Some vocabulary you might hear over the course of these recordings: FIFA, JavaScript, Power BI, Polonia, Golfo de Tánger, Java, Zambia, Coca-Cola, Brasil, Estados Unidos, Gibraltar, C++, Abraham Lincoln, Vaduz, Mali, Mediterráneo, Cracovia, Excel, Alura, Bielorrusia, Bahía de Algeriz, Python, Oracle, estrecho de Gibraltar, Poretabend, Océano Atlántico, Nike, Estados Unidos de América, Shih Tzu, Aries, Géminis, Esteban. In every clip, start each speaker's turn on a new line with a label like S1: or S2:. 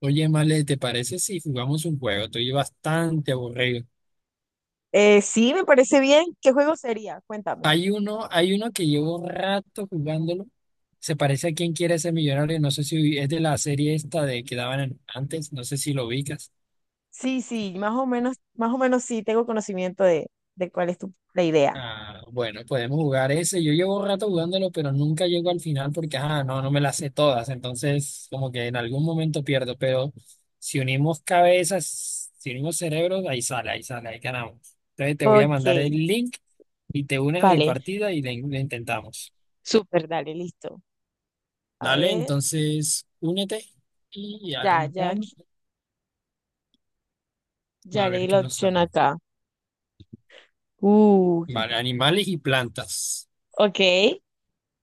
S1: Oye, Male, ¿te parece si jugamos un juego? Estoy bastante aburrido.
S2: Sí, me parece bien. ¿Qué juego sería? Cuéntame.
S1: Hay uno que llevo rato jugándolo. Se parece a Quién quiere ser millonario. No sé si es de la serie esta de que daban en- antes. No sé si lo ubicas.
S2: Sí, sí, más o menos sí tengo conocimiento de cuál es tu, la idea.
S1: Ah, bueno, podemos jugar ese. Yo llevo rato jugándolo, pero nunca llego al final porque, no, no me las sé todas. Entonces, como que en algún momento pierdo, pero si unimos cabezas, si unimos cerebros, ahí sale, ahí sale, ahí ganamos. Entonces, te voy a
S2: Ok,
S1: mandar el link y te unes a mi
S2: vale.
S1: partida y le intentamos.
S2: Súper, dale, listo. A
S1: Dale,
S2: ver,
S1: entonces, únete y
S2: ya, ya,
S1: arrancamos.
S2: ya
S1: A
S2: leí
S1: ver qué
S2: la
S1: nos
S2: opción
S1: sale.
S2: acá. Uh,
S1: Vale, animales y plantas.
S2: ok.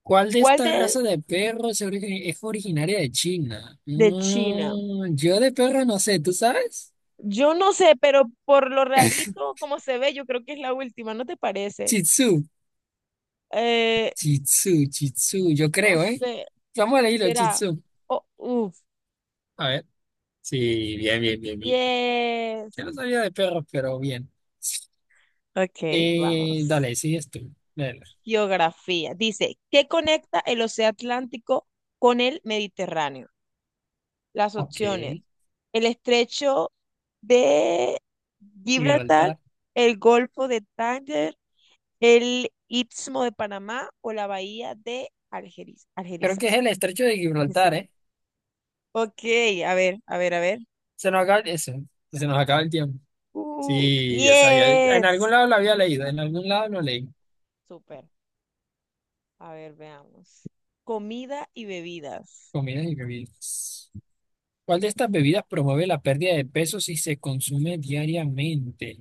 S1: ¿Cuál de
S2: ¿Cuál
S1: esta raza de perros es originaria de China?
S2: de China?
S1: Mm, yo de perro no sé, ¿tú sabes?
S2: Yo no sé, pero por lo rarito como se ve, yo creo que es la última, ¿no te parece?
S1: Shih Tzu,
S2: Eh,
S1: Shih Tzu, Shih Tzu, yo
S2: no
S1: creo, ¿eh?
S2: sé,
S1: Vamos a leerlo, Shih
S2: será.
S1: Tzu.
S2: Oh, uf,
S1: A ver. Sí, bien, bien, bien, bien. Yo
S2: yes.
S1: no sabía de perros, pero bien.
S2: Ok, vamos.
S1: Dale, sigues tú. Dale.
S2: Geografía. Dice, ¿qué conecta el Océano Atlántico con el Mediterráneo? Las
S1: Ok,
S2: opciones. El estrecho de Gibraltar,
S1: Gibraltar.
S2: el Golfo de Tánger, el Istmo de Panamá o la Bahía de Algeriz
S1: Creo que es
S2: Algerizas.
S1: el estrecho de
S2: es
S1: Gibraltar,
S2: decir,
S1: ¿eh?
S2: ok, a ver, a ver, a ver.
S1: Se nos acaba eso. Se nos acaba el tiempo. Sí, o sea, ya- en algún
S2: Yes.
S1: lado lo había leído, en algún lado lo leí.
S2: Súper. A ver, veamos. Comida y bebidas.
S1: Comidas y bebidas. ¿Cuál de estas bebidas promueve la pérdida de peso si se consume diariamente?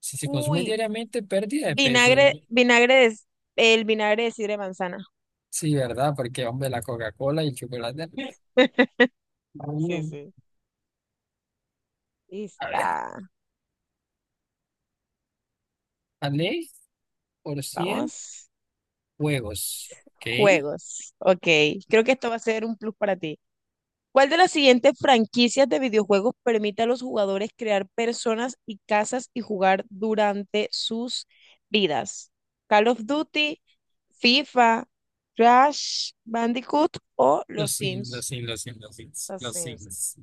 S1: Si se consume
S2: Uy,
S1: diariamente, pérdida de peso.
S2: vinagre, vinagre de, el vinagre de sidra de manzana.
S1: Sí, ¿verdad? Porque, hombre, la Coca-Cola y el chocolate,
S2: Sí,
S1: no.
S2: sí. Y
S1: A ver,
S2: está.
S1: ¿vale? Por 100
S2: Vamos.
S1: huevos. ¿Ok?
S2: Juegos. Ok. Creo que esto va a ser un plus para ti. ¿Cuál de las siguientes franquicias de videojuegos permite a los jugadores crear personas y casas y jugar durante sus vidas? ¿Call of Duty, FIFA, Crash Bandicoot o Los
S1: Los sims, los
S2: Sims?
S1: sims, los sims,
S2: Los
S1: los sims,
S2: Sims.
S1: los sims.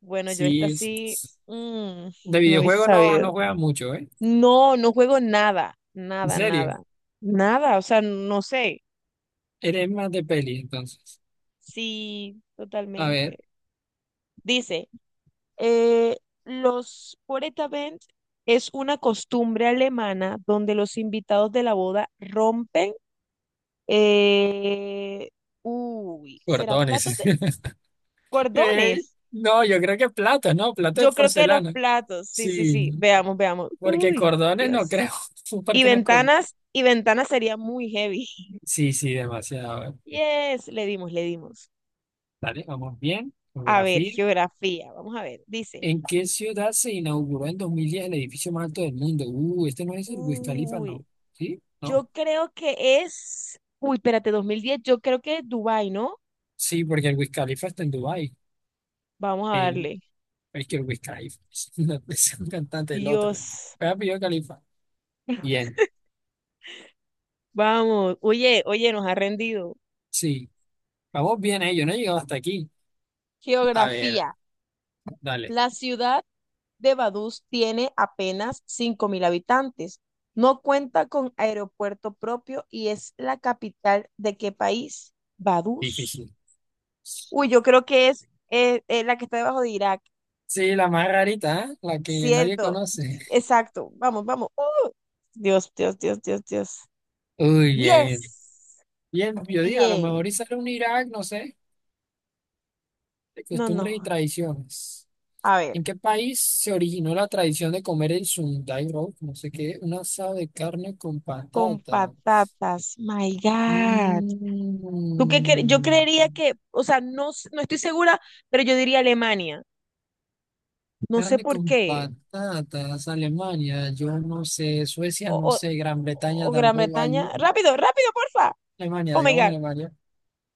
S2: Bueno, yo esta
S1: Sí,
S2: sí
S1: es-
S2: mm,
S1: de
S2: no hubiese
S1: videojuego no,
S2: sabido.
S1: no juega mucho, ¿eh?
S2: No, no juego nada,
S1: En
S2: nada,
S1: serio.
S2: nada, nada, o sea, no sé.
S1: Eres más de peli, entonces.
S2: Sí,
S1: A ver,
S2: totalmente. Dice, eh, los Poretabend es una costumbre alemana donde los invitados de la boda rompen, eh, uy, ¿será platos
S1: cordones.
S2: de
S1: Eh,
S2: cordones?
S1: no, yo creo que platos, ¿no? Platos
S2: Yo
S1: de
S2: creo que los
S1: porcelana.
S2: platos, sí, sí, sí,
S1: Sí,
S2: veamos, veamos.
S1: porque
S2: Uy,
S1: cordones no
S2: Dios.
S1: creo. Su parte no es cordón.
S2: Y ventanas sería muy heavy.
S1: Sí, sí, demasiado.
S2: Yes, le dimos, le dimos.
S1: Vale, vamos bien.
S2: A ver,
S1: Geografía.
S2: geografía, vamos a ver. Dice,
S1: ¿En qué ciudad se inauguró en 2010 el edificio más alto del mundo? Este no es el Wiz Khalifa,
S2: uy,
S1: ¿no? ¿Sí? ¿No?
S2: yo creo que es, uy, espérate, 2010, yo creo que es Dubái, ¿no?
S1: Sí, porque el Wiz Khalifa está en Dubái.
S2: Vamos a
S1: El,
S2: darle.
S1: es que el Wiz Khalifa no, es un cantante del otro.
S2: Dios,
S1: Voy a Khalifa. Bien,
S2: vamos. Oye, oye, nos ha rendido.
S1: sí. Vamos bien, eh. Yo no he llegado hasta aquí. A ver,
S2: Geografía.
S1: dale.
S2: La ciudad de Vaduz tiene apenas 5000 habitantes. No cuenta con aeropuerto propio y es la capital de qué país. Vaduz.
S1: Difícil.
S2: Uy, yo creo que es la que está debajo de Irak.
S1: Sí, la más rarita, ¿eh? La que nadie
S2: Cierto,
S1: conoce.
S2: exacto. Vamos, vamos. Oh, Dios, Dios, Dios, Dios, Dios.
S1: Uy, bien.
S2: Diez.
S1: Bien, yo digo, a lo mejor y
S2: Bien.
S1: sale un Irak, no sé, de
S2: No, no.
S1: costumbres y tradiciones.
S2: A
S1: ¿En
S2: ver,
S1: qué país se originó la tradición de comer el Sunday roll? No sé qué, un asado de carne con
S2: con
S1: patata.
S2: patatas. My God. ¿Tú qué yo
S1: Mm,
S2: creería que, o sea, no, no estoy segura, pero yo diría Alemania. No sé
S1: carne
S2: por
S1: con
S2: qué.
S1: patatas, Alemania, yo no sé, Suecia
S2: O,
S1: no
S2: o,
S1: sé, Gran Bretaña
S2: o Gran
S1: tampoco
S2: Bretaña.
S1: hay.
S2: Rápido, rápido, porfa.
S1: Alemania,
S2: Oh my
S1: digamos
S2: God.
S1: Alemania.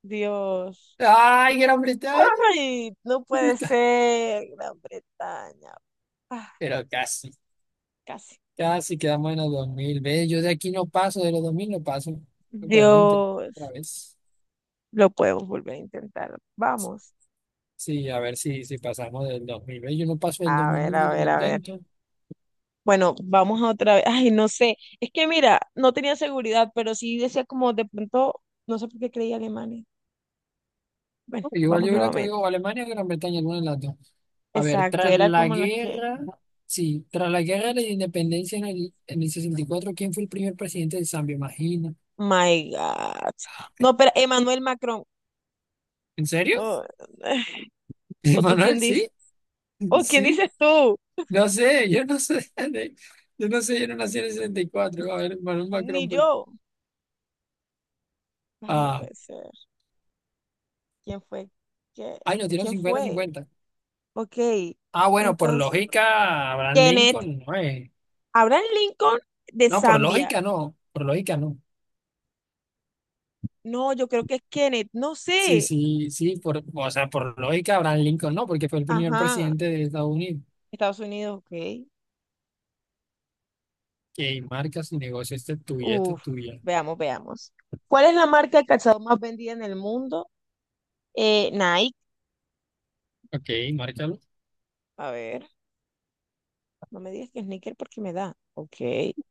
S2: Dios.
S1: ¡Ay, Gran Bretaña!
S2: Ay, no puede ser. Gran Bretaña. Ah,
S1: Pero casi.
S2: casi.
S1: Casi quedamos en los 2000 Ve, yo de aquí no paso, de los 2000 no paso. Lo podemos intentar otra
S2: Dios.
S1: vez.
S2: Lo podemos volver a intentar. Vamos.
S1: Sí, a ver si pasamos del 2000 Ve, yo no paso del
S2: A ver,
S1: 2001
S2: a
S1: que lo
S2: ver, a ver.
S1: intento.
S2: Bueno, vamos a otra vez. Ay, no sé. Es que mira, no tenía seguridad, pero sí decía como de pronto, no sé por qué creía Alemania. Bueno,
S1: Pero igual
S2: vamos
S1: yo hubiera
S2: nuevamente.
S1: cogido o Alemania o Gran Bretaña, alguna de las dos. A ver,
S2: Exacto,
S1: tras
S2: era
S1: la
S2: como la que.
S1: guerra, sí, tras la guerra de la independencia en el 64, ¿quién fue el primer presidente de Zambia? Imagina.
S2: My God. No, pero Emmanuel Macron.
S1: ¿En serio?
S2: Oh, ¿O tú quién
S1: Manuel, sí,
S2: dices? ¿O quién
S1: sí.
S2: dices tú?
S1: No sé, yo no sé. Yo no sé, yo no nací en el 64. A ver, Manuel
S2: Ni
S1: Macron, pues.
S2: yo. Ay, no
S1: Ah,
S2: puede ser. ¿Quién fue? ¿Qué?
S1: Ay, no tiene un
S2: ¿Quién
S1: cincuenta.
S2: fue?
S1: 50.
S2: Ok.
S1: Ah, bueno, por
S2: Entonces,
S1: lógica, Abraham
S2: Kenneth.
S1: Lincoln no es.
S2: Abraham Lincoln de
S1: No, por
S2: Zambia.
S1: lógica no. Por lógica no.
S2: No, yo creo que es Kenneth, no
S1: Sí,
S2: sé.
S1: sí, sí. Por, o sea, por lógica, Abraham Lincoln no, porque fue el primer
S2: Ajá,
S1: presidente de Estados Unidos.
S2: Estados Unidos, ok.
S1: Que marca su negocio. Este es tuyo, este es
S2: Uf,
S1: tuyo.
S2: veamos, veamos. ¿Cuál es la marca de calzado más vendida en el mundo? Nike.
S1: Ok, márcalo.
S2: A ver, no me digas que sneaker porque me da. Ok,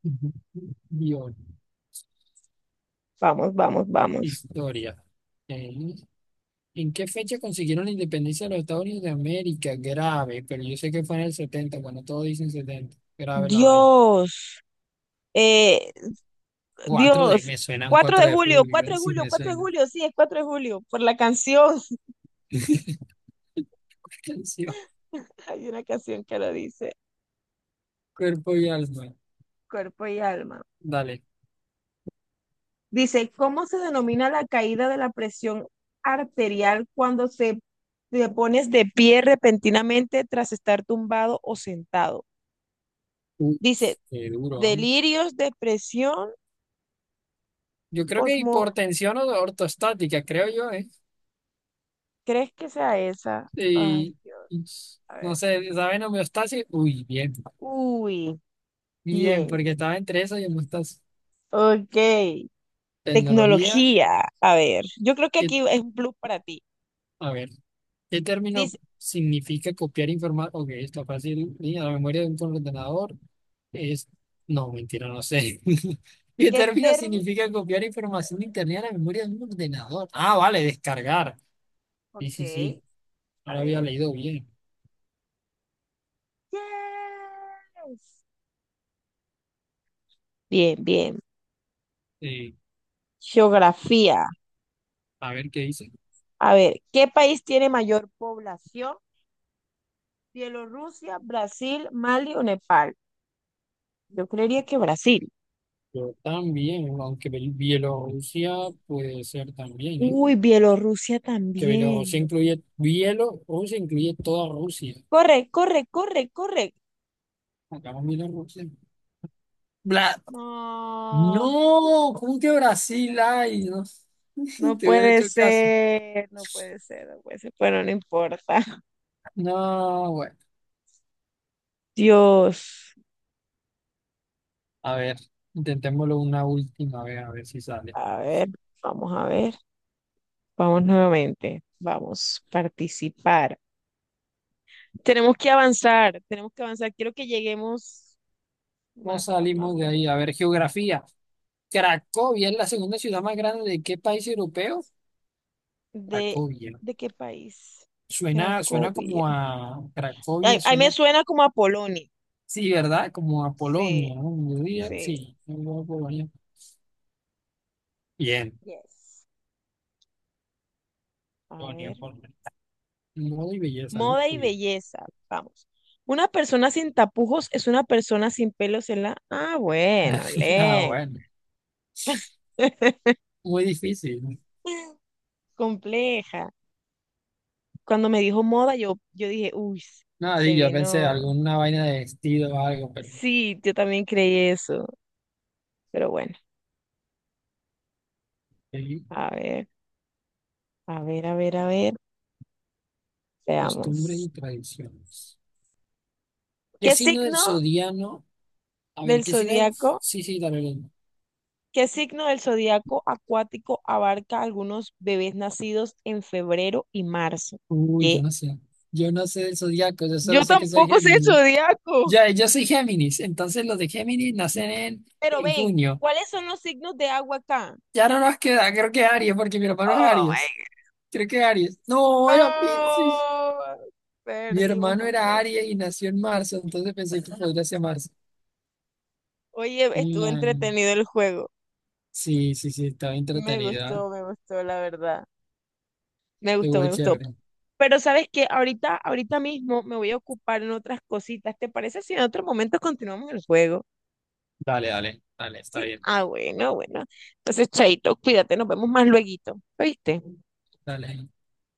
S1: Ujú. Guión.
S2: vamos, vamos, vamos.
S1: Historia. Ok. ¿En qué fecha consiguieron la independencia de los Estados Unidos de América? Grave, pero yo sé que fue en el setenta, cuando todos dicen 70. Grave la vaina.
S2: Dios, eh, Dios.
S1: Me suenan
S2: 4
S1: 4
S2: de
S1: de
S2: julio,
S1: julio,
S2: cuatro
S1: ¿eh?
S2: de
S1: Sí,
S2: julio,
S1: me
S2: cuatro de
S1: suena.
S2: julio, sí, es cuatro de julio, por la canción.
S1: Hipertensión,
S2: Hay una canción que lo dice,
S1: cuerpo y alma.
S2: cuerpo y alma.
S1: Dale.
S2: Dice, ¿cómo se denomina la caída de la presión arterial cuando se te pones de pie repentinamente tras estar tumbado o sentado?
S1: Uy,
S2: Dice,
S1: qué duro, ¿ah?
S2: delirios, depresión,
S1: Yo creo que
S2: osmo...
S1: hipertensión o ortostática, creo yo, ¿eh?
S2: ¿Crees que sea esa? Ay,
S1: Y,
S2: Dios,
S1: y
S2: a
S1: no
S2: ver.
S1: sé, ¿saben homeostasis? Uy, bien,
S2: Uy,
S1: bien,
S2: bien.
S1: porque estaba entre eso y homeostasis.
S2: Ok.
S1: Tecnología,
S2: Tecnología. A ver, yo creo que
S1: que-
S2: aquí es un plus para ti.
S1: a ver, ¿qué término
S2: Dice,
S1: significa copiar información? Ok, está fácil, ¿sí? A la memoria de un ordenador. Es, no, mentira, no sé. Y el
S2: ¿qué
S1: término
S2: término?
S1: significa copiar información de internet a la memoria de un ordenador. Ah, vale, descargar. Sí,
S2: Ok,
S1: sí, sí.
S2: a
S1: Ahora había
S2: ver.
S1: leído bien.
S2: Yes. Bien, bien.
S1: Eh,
S2: Geografía.
S1: a ver qué dice.
S2: A ver, ¿qué país tiene mayor población? Bielorrusia, Brasil, Mali o Nepal. Yo creería que Brasil.
S1: Yo también, aunque Bielorrusia puede ser también, ¿eh?
S2: Uy, Bielorrusia
S1: Que Bielorrusia
S2: también.
S1: incluye, Bielorrusia incluye toda Rusia.
S2: Corre, corre, corre, corre.
S1: Acabamos Bielorrusia. Bla-
S2: No,
S1: no, ¿cómo que Brasil hay? No,
S2: no
S1: te hubiera
S2: puede
S1: hecho caso.
S2: ser, no puede ser, no puede ser. Bueno, no importa.
S1: No, bueno.
S2: Dios.
S1: A ver, intentémoslo una última vez, a ver si sale.
S2: A ver, a ver. Vamos nuevamente. Vamos, participar. Tenemos que avanzar, tenemos que avanzar. Quiero que lleguemos
S1: No
S2: más, más, más
S1: salimos de
S2: lejos.
S1: ahí. A ver, geografía. ¿Cracovia es la segunda ciudad más grande de qué país europeo?
S2: ¿De,
S1: Cracovia.
S2: de qué país?
S1: Suena
S2: Cracovia.
S1: como a
S2: Ay,
S1: Cracovia,
S2: ay, me
S1: suena,
S2: suena como a Polonia.
S1: sí, ¿verdad? Como a Polonia,
S2: Sí,
S1: ¿no? Yo diría,
S2: sí.
S1: sí, yo digo a Polonia. Bien.
S2: Yes. A
S1: Polonia,
S2: ver.
S1: Polonia. Modo y belleza, ¿no?
S2: Moda y
S1: Tuyo.
S2: belleza. Vamos. Una persona sin tapujos es una persona sin pelos en la... Ah, bueno,
S1: Ah,
S2: Len.
S1: bueno. Muy difícil.
S2: Compleja. Cuando me dijo moda, yo dije, uy,
S1: Nada,
S2: se
S1: y yo pensé
S2: vino.
S1: alguna vaina de vestido o algo, pero
S2: Sí, yo también creí eso. Pero bueno,
S1: sí,
S2: a ver, a ver, a ver, a ver.
S1: costumbres
S2: Veamos.
S1: y tradiciones. ¿Qué
S2: ¿Qué
S1: signo del
S2: signo
S1: zodiano? A ver,
S2: del
S1: ¿qué signo es?
S2: zodiaco?
S1: Sí, sí, dale, dale.
S2: ¿Qué signo del zodiaco acuático abarca algunos bebés nacidos en febrero y marzo?
S1: Uy, yo
S2: ¿Qué?
S1: no sé. Yo no sé del zodiaco, yo solo
S2: Yo
S1: sé que soy
S2: tampoco sé el
S1: Géminis.
S2: zodiaco.
S1: Ya, yo soy Géminis, entonces los de Géminis nacen en,
S2: Pero
S1: en
S2: ven,
S1: junio.
S2: ¿cuáles son los signos de agua acá?
S1: Ya no nos queda, creo que Aries, porque mi hermano es
S2: Oh my
S1: Aries. Creo que Aries. No, era Piscis.
S2: God. No.
S1: Mi
S2: Perdimos,
S1: hermano
S2: no
S1: era
S2: pues.
S1: Aries y nació en marzo, entonces pensé que podría ser marzo.
S2: Oye, estuvo
S1: Mm,
S2: entretenido el juego.
S1: sí, sí, sí, estaba entretenido, ¿eh?
S2: Me gustó, la verdad. Me gustó,
S1: Estuvo
S2: me gustó.
S1: chévere.
S2: Pero sabes que ahorita, ahorita mismo me voy a ocupar en otras cositas. ¿Te parece si en otro momento continuamos el juego?
S1: Dale, dale, dale, está
S2: Sí.
S1: bien.
S2: Ah, bueno, bueno. Entonces, Chaito, cuídate, nos vemos más lueguito. ¿Oíste?
S1: Dale.